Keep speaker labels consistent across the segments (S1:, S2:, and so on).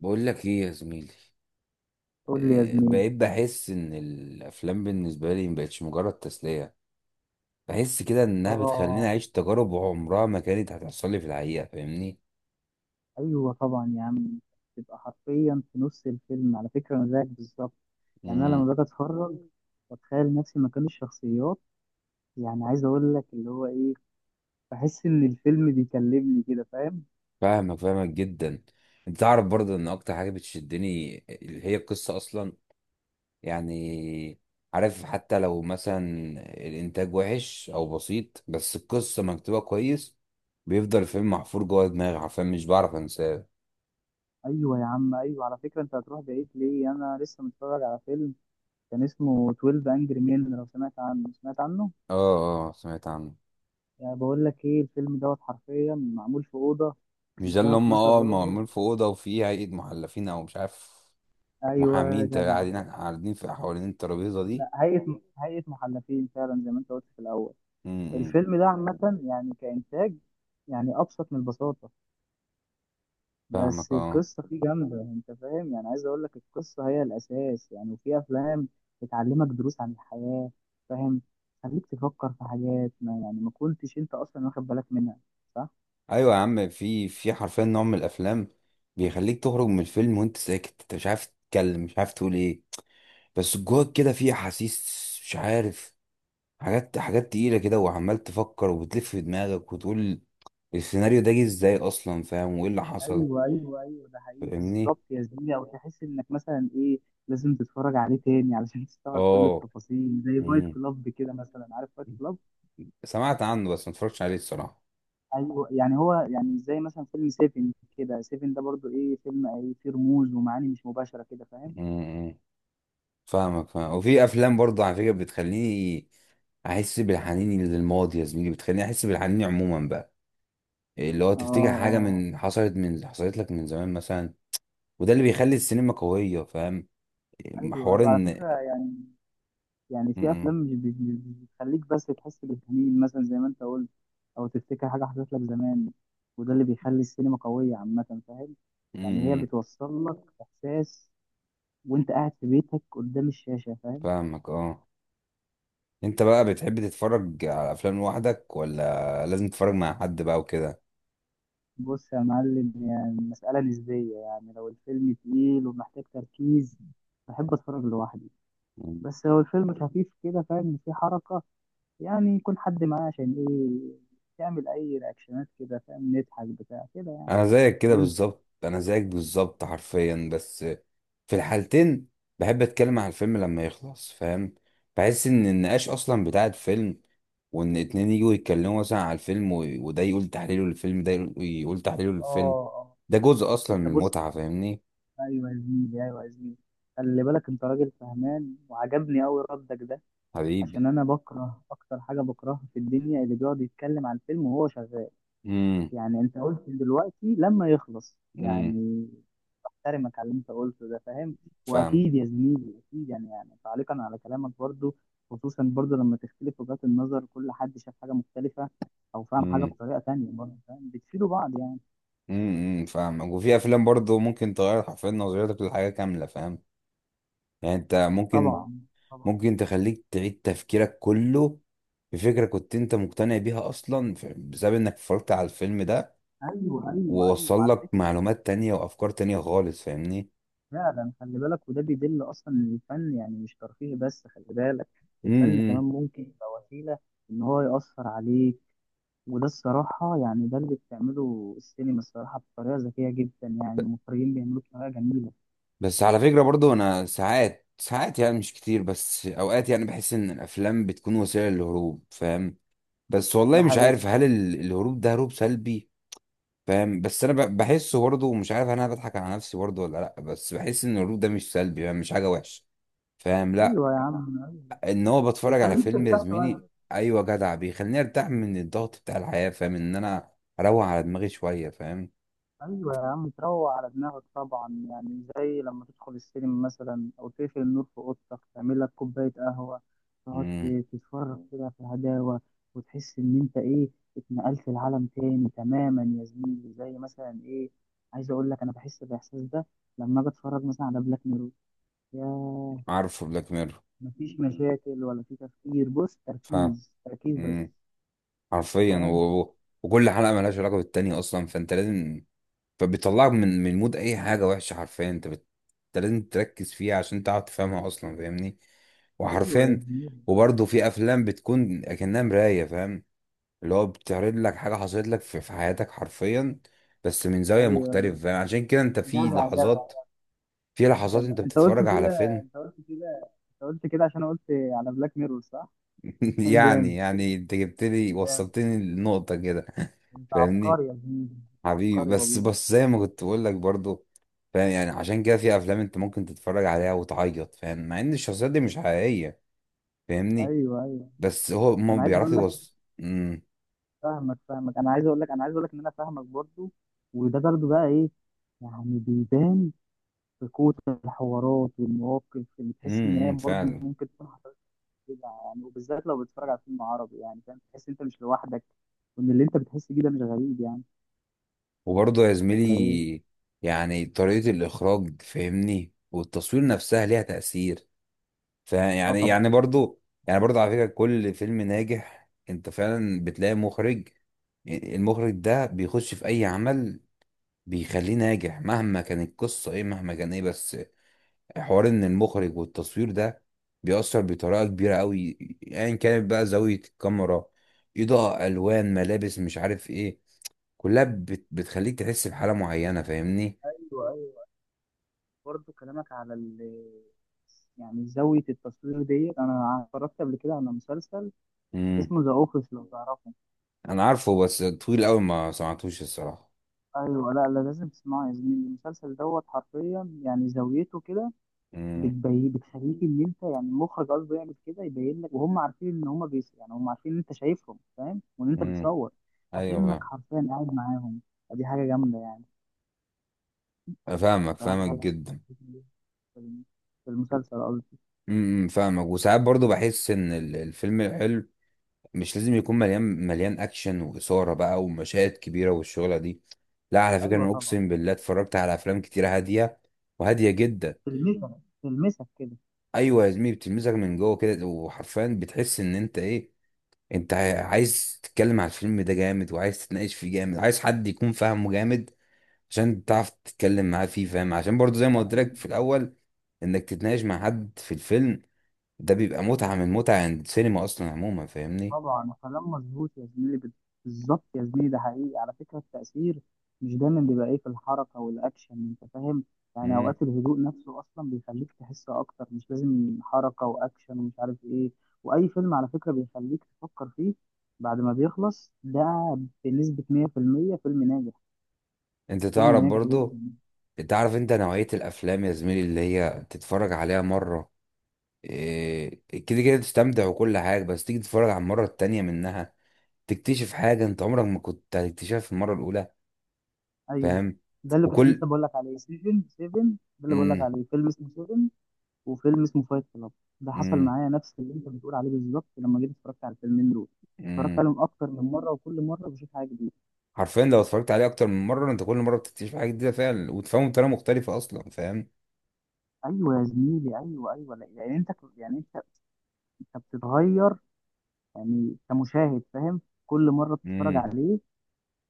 S1: بقول لك ايه يا زميلي؟
S2: قول لي يا
S1: آه،
S2: زميلي.
S1: بقيت بحس ان الافلام بالنسبه لي مبقتش مجرد تسليه. بحس كده انها بتخليني
S2: اه.
S1: اعيش تجارب عمرها ما كانت هتحصل لي في الحقيقه، فاهمني؟
S2: ايوه طبعا يا عم. تبقى حرفيا في نص الفيلم، على فكره انا زيك بالظبط. يعني انا لما
S1: امم
S2: باجي اتفرج، بتخيل نفسي مكان الشخصيات. يعني عايز اقول لك اللي هو ايه، بحس ان الفيلم بيكلمني كده، فاهم.
S1: فاهمك، فاهمك جدا. انت تعرف برضه ان اكتر حاجه بتشدني اللي هي القصه اصلا. يعني عارف، حتى لو مثلا الانتاج وحش او بسيط بس القصه مكتوبه كويس، بيفضل الفيلم محفور جوه دماغي، عارفين؟ مش بعرف انساه.
S2: ايوه يا عم، ايوه على فكره، انت هتروح بعيد ليه؟ انا لسه متفرج على فيلم كان اسمه 12 انجري مان، لو سمعت عنه سمعت عنه.
S1: اه اه، سمعت عنه.
S2: يعني بقول لك ايه، الفيلم دوت حرفيا معمول في اوضه
S1: مش ده
S2: وفيها
S1: اللي هم
S2: 12 راجل.
S1: معمول في اوضه وفيه هيئه محلفين او مش عارف؟
S2: ايوه يا
S1: محامين
S2: جدع.
S1: قاعدين، قاعدين في حوالين الترابيزه دي.
S2: لا، هيئة محلفين فعلا، زي ما انت قلت في الأول.
S1: امم
S2: الفيلم ده عامة يعني كإنتاج، يعني أبسط من البساطة.
S1: فاهمك،
S2: بس
S1: اه.
S2: القصة فيه جامدة، أنت فاهم، يعني عايز أقول لك القصة هي الأساس يعني. وفي أفلام بتعلمك دروس عن الحياة، فاهم. خليك تفكر في حاجات ما كنتش أنت أصلا واخد بالك منها، صح؟
S1: ايوه يا عم، في حرفيا نوع من الافلام بيخليك تخرج من الفيلم وانت ساكت، انت مش عارف تتكلم، مش عارف تقول ايه. بس جواك كده في احاسيس، مش عارف، حاجات تقيله كده، وعمال تفكر وبتلف في دماغك وتقول السيناريو ده جه ازاي اصلا، فاهم؟ وايه اللي حصل.
S2: ايوه ايوه ايوه، ده حقيقي
S1: فاهمني؟
S2: بالظبط يا زميلي. أو تحس إنك مثلا إيه، لازم تتفرج عليه تاني علشان تستوعب كل
S1: اه.
S2: التفاصيل، زي فايت
S1: امم
S2: كلاب كده مثلا، عارف فايت كلاب؟
S1: سمعت عنه بس ما اتفرجتش عليه الصراحه.
S2: ايوه. يعني هو يعني زي مثلا فيلم سيفن كده، سيفن ده برضو ايه، فيلم ايه، فيه رموز ومعاني مش مباشره كده، فاهم.
S1: مم. فاهمك، فاهم. وفي افلام برضه على فكره بتخليني احس بالحنين للماضي يا زميلي، بتخليني احس بالحنين عموما بقى، اللي هو
S2: اه،
S1: تفتكر حاجه
S2: اه.
S1: من حصلت من حصلت لك من زمان مثلا. وده اللي بيخلي السينما قويه، فاهم؟
S2: ايوه
S1: حوار
S2: ايوه على
S1: ان…
S2: فكره يعني. يعني في
S1: مم.
S2: افلام مش بتخليك بس تحس بالحنين مثلا، زي ما انت قلت. او تفتكر حاجه حصلت لك زمان، وده اللي بيخلي السينما قويه عامه، فاهم. يعني هي
S1: مم.
S2: بتوصل لك احساس وانت قاعد في بيتك قدام الشاشه، فاهم.
S1: فاهمك، اه. انت بقى بتحب تتفرج على افلام لوحدك، ولا لازم تتفرج مع حد بقى وكده؟
S2: بص يا معلم، يعني المسألة نسبية. يعني لو الفيلم تقيل ومحتاج تركيز، بحب أتفرج لوحدي.
S1: مم.
S2: بس لو الفيلم خفيف كده، فاهم، إن فيه حركة، يعني يكون حد معاه عشان إيه، تعمل أي رياكشنات كده، فاهم، نضحك بتاع كده يعني.
S1: انا زيك كده
S2: وأنت؟
S1: بالظبط، انا زيك بالظبط حرفيا. بس في الحالتين بحب اتكلم على الفيلم لما يخلص، فاهم؟ بحس ان النقاش اصلا بتاع الفيلم، وان اتنين يجوا يتكلموا مثلا على الفيلم وده يقول تحليله للفيلم، ده يقول، يقول تحليله للفيلم.
S2: آه، آه.
S1: ده جزء اصلا
S2: أنت
S1: من
S2: بص،
S1: المتعة، فاهمني؟
S2: أيوه يا زميلي أيوه يا زميلي، خلي بالك أنت راجل فهمان، وعجبني أوي ردك ده.
S1: حبيبي.
S2: عشان أنا بكره أكتر حاجة بكرهها في الدنيا اللي بيقعد يتكلم عن الفيلم وهو شغال.
S1: امم
S2: يعني انت قلت دلوقتي لما يخلص،
S1: امم
S2: يعني احترمك على اللي انت قلته ده، فاهم.
S1: فاهم
S2: واكيد يا زميلي اكيد، يعني تعليقا على كلامك برضو، خصوصا برضو لما تختلف وجهات النظر، كل حد شاف حاجة مختلفة او فاهم حاجة
S1: امم
S2: بطريقة تانية، برضو فاهم بتفيدوا بعض يعني.
S1: فاهم. وفي افلام برضه ممكن تغير حرفيا نظرتك للحاجة كاملة، فاهم؟ يعني انت ممكن،
S2: طبعا، طبعا.
S1: ممكن تخليك تعيد تفكيرك كله في فكرة كنت انت مقتنع بيها اصلا، بسبب انك اتفرجت على الفيلم ده.
S2: ايوه ايوه ايوه
S1: ووصل
S2: على
S1: لك
S2: فكرة.
S1: معلومات تانية وافكار تانية خالص، فاهمني؟
S2: فعلا خلي بالك، وده بيدل اصلا ان الفن يعني مش ترفيه بس. خلي بالك، الفن
S1: امم
S2: كمان ممكن يبقى وسيلة ان هو يأثر عليك. وده الصراحة يعني ده اللي بتعمله السينما الصراحة، بطريقة ذكية جدا، يعني المخرجين بيعملوه بطريقة جميلة.
S1: بس على فكرة برضو انا ساعات، ساعات يعني مش كتير، بس اوقات يعني بحس ان الافلام بتكون وسيلة للهروب، فاهم؟ بس والله
S2: ده
S1: مش
S2: حقيقي.
S1: عارف هل الهروب ده هروب سلبي. فاهم؟ بس انا بحسه برضو، مش عارف انا بضحك على نفسي برضو ولا لا، بس بحس ان الهروب ده مش سلبي، يعني مش حاجة وحشة. فاهم؟
S2: أيوة يا عم أيوة.
S1: ان هو بتفرج على
S2: بيخليك
S1: فيلم يا
S2: ترتاح شوية.
S1: زميلي. ايوه جدع، بيخليني ارتاح من الضغط بتاع الحياه، فاهم؟ ان انا اروق على دماغي شويه، فاهم؟
S2: أيوة يا عم، تروق على دماغك طبعا، يعني زي لما تدخل السينما مثلا أو تقفل النور في أوضتك، تعمل لك كوباية قهوة، تقعد
S1: امم
S2: تتفرج كده في الهداوة. وتحس إن أنت إيه، اتنقلت لعالم تاني تماما يا زميلي، زي مثلا إيه، عايز أقول لك أنا بحس بالإحساس ده لما أجي أتفرج مثلا على بلاك ميرور. ياه.
S1: عارفه بلاك ميرور.
S2: مفيش مشاكل ولا في تفكير، بص،
S1: فاهم.
S2: تركيز تركيز بس.
S1: امم
S2: انت
S1: حرفيا.
S2: فاهم.
S1: وكل حلقه ملهاش علاقه بالتانيه اصلا، فانت لازم… فبيطلعك من مود اي حاجه وحشه حرفيا، انت انت لازم تركز فيها عشان تعرف تفهمها اصلا، فاهمني؟
S2: ايوه يا
S1: وحرفيا،
S2: زميلي،
S1: وبرضه في افلام بتكون اكنها مرايه، فاهم؟ اللي هو بتعرض لك حاجة حصلت لك في حياتك حرفيا، بس من زاوية
S2: ايوه.
S1: مختلفة. يعني عشان كده انت في
S2: جدع، جدع،
S1: لحظات، في لحظات
S2: جدع،
S1: انت
S2: انت
S1: بتتفرج
S2: قلت
S1: على
S2: كده
S1: فيلم…
S2: انت قلت كده انت قلت كده عشان قلت على بلاك ميرور، صح؟
S1: يعني،
S2: جامد،
S1: يعني انت جبت لي،
S2: جامد.
S1: وصلتني للنقطة كده.
S2: انت
S1: فاهمني؟
S2: عبقري يا زميلي، انت
S1: حبيبي.
S2: عبقري
S1: بس
S2: والله.
S1: بس زي ما كنت بقول لك برضو، فاهم؟ يعني عشان كده في افلام انت ممكن تتفرج عليها وتعيط، فاهم؟ مع ان الشخصيات دي مش حقيقية. فاهمني؟
S2: ايوه، ايوه.
S1: بس هو ما
S2: انا عايز
S1: بيعرف
S2: اقول لك،
S1: يوصل.
S2: فاهمك، فاهمك. انا عايز اقول لك ان انا فاهمك برضو. وده برضو بقى ايه، يعني بيبان في قوة الحوارات والمواقف، اللي تحس ان هي برضو
S1: فعلا.
S2: ممكن تكون كده يعني. وبالذات لو بتتفرج على فيلم عربي، يعني فاهم، تحس انت مش لوحدك، وان اللي انت بتحس بيه ده مش غريب يعني،
S1: وبرضه يا
S2: ولا ايه؟
S1: زميلي يعني طريقة الإخراج، فاهمني؟ والتصوير نفسها ليها تأثير. فيعني
S2: اه
S1: يعني
S2: طبعا.
S1: يعني برضه، يعني برضه على فكرة كل فيلم ناجح أنت فعلا بتلاقي مخرج. المخرج ده بيخش في أي عمل بيخليه ناجح مهما كانت القصة إيه، مهما كان إيه. بس حوار إن المخرج والتصوير ده بيأثر بطريقة كبيرة أوي، أيا يعني كانت بقى زاوية الكاميرا، إضاءة، ألوان، ملابس، مش عارف إيه. كلها بتخليك تحس بحالة معينة، فاهمني؟
S2: ايوه، ايوه. برضه كلامك على يعني زاويه التصوير ديت، انا اتفرجت قبل كده على مسلسل
S1: امم
S2: اسمه ذا اوفيس، لو تعرفه.
S1: انا عارفه بس طويل قوي ما سمعتوش الصراحه.
S2: ايوه. لا، لا، لازم تسمعه يا زميلي. المسلسل دوت حرفيا يعني زاويته كده
S1: امم
S2: بتبين، بتخليك ان انت يعني المخرج قصده يعمل كده، يبين لك وهم عارفين ان هم بيس، يعني هم عارفين ان انت شايفهم فاهم، وان انت
S1: امم
S2: بتصور
S1: ايوه
S2: اكنك
S1: فاهم.
S2: حرفيا قاعد معاهم. دي حاجه جامده يعني.
S1: فاهمك،
S2: بصراحه دي
S1: فاهمك
S2: حاجه
S1: جدا.
S2: في الم- في المسلسل قصدي.
S1: فاهمك. وساعات برضو بحس ان الفيلم الحلو مش لازم يكون مليان اكشن واثاره بقى ومشاهد كبيره والشغله دي. لا على فكره،
S2: ايوه
S1: انا
S2: طبعا.
S1: اقسم بالله اتفرجت على افلام كتيره هاديه، وهاديه جدا.
S2: تلمسك، تلمسك كده.
S1: ايوه يا زميلي، بتلمسك من جوه كده، وحرفيا بتحس ان انت ايه؟ انت عايز تتكلم على الفيلم ده جامد، وعايز تتناقش فيه جامد، عايز حد يكون فاهمه جامد عشان تعرف تتكلم معاه فيه، فاهم؟ عشان برضو زي ما قلت
S2: ايوه
S1: لك في الاول، انك تتناقش مع حد في الفيلم ده بيبقى متعة من متع عند السينما اصلا عموما، فاهمني؟
S2: طبعا. كلام مظبوط يا زميلي، بالظبط يا زميلي. ده حقيقي على فكرة، التأثير مش دايما بيبقى ايه في الحركة والأكشن، أنت فاهم. يعني
S1: مم.
S2: أوقات الهدوء نفسه أصلا بيخليك تحس أكتر، مش لازم حركة وأكشن ومش عارف ايه. وأي فيلم على فكرة بيخليك تفكر فيه بعد ما بيخلص، ده بنسبة 100% فيلم ناجح،
S1: انت
S2: فيلم
S1: تعرف
S2: ناجح
S1: برضو،
S2: جدا.
S1: تعرف انت نوعية الافلام يا زميلي اللي هي تتفرج عليها مرة، إيه، كده كده تستمتع وكل حاجة، بس تيجي تتفرج على المرة التانية منها تكتشف حاجة انت عمرك ما كنت هتكتشفها في المرة الاولى.
S2: أيوه،
S1: فاهم؟
S2: ده اللي كنت
S1: وكل…
S2: لسه بقول لك عليه 7 7. ده اللي بقول لك
S1: مم.
S2: عليه فيلم اسمه 7، وفيلم اسمه فايت كلاب. ده حصل
S1: مم.
S2: معايا نفس اللي انت بتقول عليه بالظبط، لما جيت اتفرجت على الفيلمين دول. اتفرجت
S1: مم.
S2: عليهم اكتر من مره، وكل مره بشوف حاجه جديده.
S1: حرفيا لو اتفرجت عليه اكتر من مره انت كل مره بتكتشف حاجه جديده فعلا، وتفهمه بطريقه مختلفه اصلا، فاهم؟
S2: ايوه يا زميلي، ايوه، ايوه. يعني انت انت بتتغير، يعني كمشاهد فاهم، كل مره بتتفرج
S1: امم
S2: عليه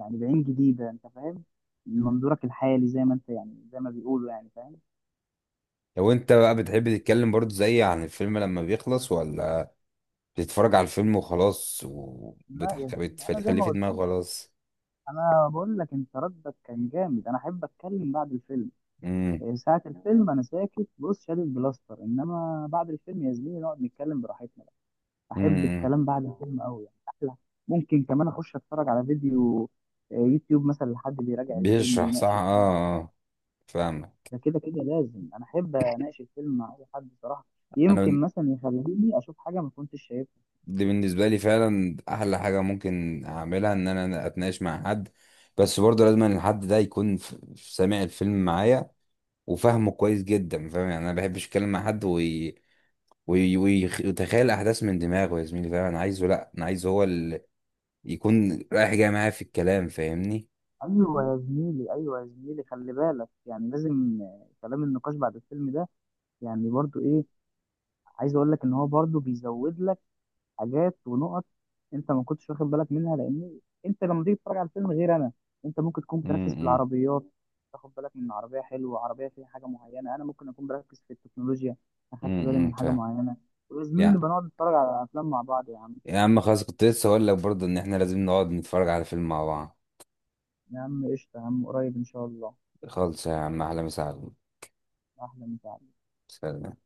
S2: يعني بعين جديده، انت فاهم، من منظورك الحالي، زي ما انت يعني زي ما بيقولوا يعني، فاهم.
S1: لو انت بقى بتحب تتكلم برضو زي عن الفيلم لما بيخلص، ولا بتتفرج على الفيلم وخلاص
S2: لا يا زميلي، انا زي
S1: وبتخليه
S2: ما
S1: في
S2: قلت
S1: دماغك
S2: لك،
S1: خلاص؟
S2: انا بقول لك انت ردك كان جامد. انا احب اتكلم بعد الفيلم.
S1: امم
S2: ساعة الفيلم أنا ساكت، بص شادد بلاستر، إنما بعد الفيلم يا زميلي نقعد نتكلم براحتنا بقى. أحب
S1: امم
S2: الكلام بعد الفيلم أوي، يعني أحلى. ممكن كمان أخش أتفرج على فيديو، يوتيوب مثلا، لحد بيراجع الفيلم
S1: بيشرح، صح،
S2: بيناقش الفيلم.
S1: اه اه. فاهمك.
S2: ده كده كده لازم، أنا أحب أناقش الفيلم مع أي حد صراحة.
S1: انا
S2: يمكن
S1: بن-
S2: مثلا يخليني أشوف حاجة ما كنتش شايفها.
S1: دي بالنسبه لي فعلا احلى حاجه ممكن اعملها، ان انا اتناقش مع حد. بس برضه لازم إن الحد ده يكون سامع الفيلم معايا وفهمه كويس جدا، فاهم؟ يعني انا ما بحبش اتكلم مع حد ويتخيل الاحداث من دماغه يا زميلي، فاهم؟ انا عايزه، لا انا عايزه هو اللي يكون رايح جاي معايا في الكلام، فاهمني؟
S2: أيوة يا زميلي، أيوة يا زميلي، خلي بالك يعني لازم، كلام النقاش بعد الفيلم ده يعني برضو إيه، عايز أقول لك إن هو برضو بيزود لك حاجات ونقط انت ما كنتش واخد بالك منها. لان انت لما تيجي تتفرج على الفيلم غير انا، انت ممكن تكون بتركز في
S1: امم
S2: العربيات، تاخد بالك من عربيه حلوه، عربيه فيها حاجه معينه. انا ممكن اكون بركز في التكنولوجيا، اخدت بالي من حاجه
S1: فاهم.
S2: معينه. ويا زميلي
S1: يعني
S2: نبقى نقعد نتفرج على افلام مع بعض يا عم.
S1: يا عم خلاص كنت لسه هقول لك برضه ان احنا لازم نقعد نتفرج على فيلم مع بعض.
S2: يا عم قشطه يا عم، قريب ان شاء الله.
S1: خالص يا عم، احلى مسا عليك.
S2: احلى مساعدة.
S1: سلام.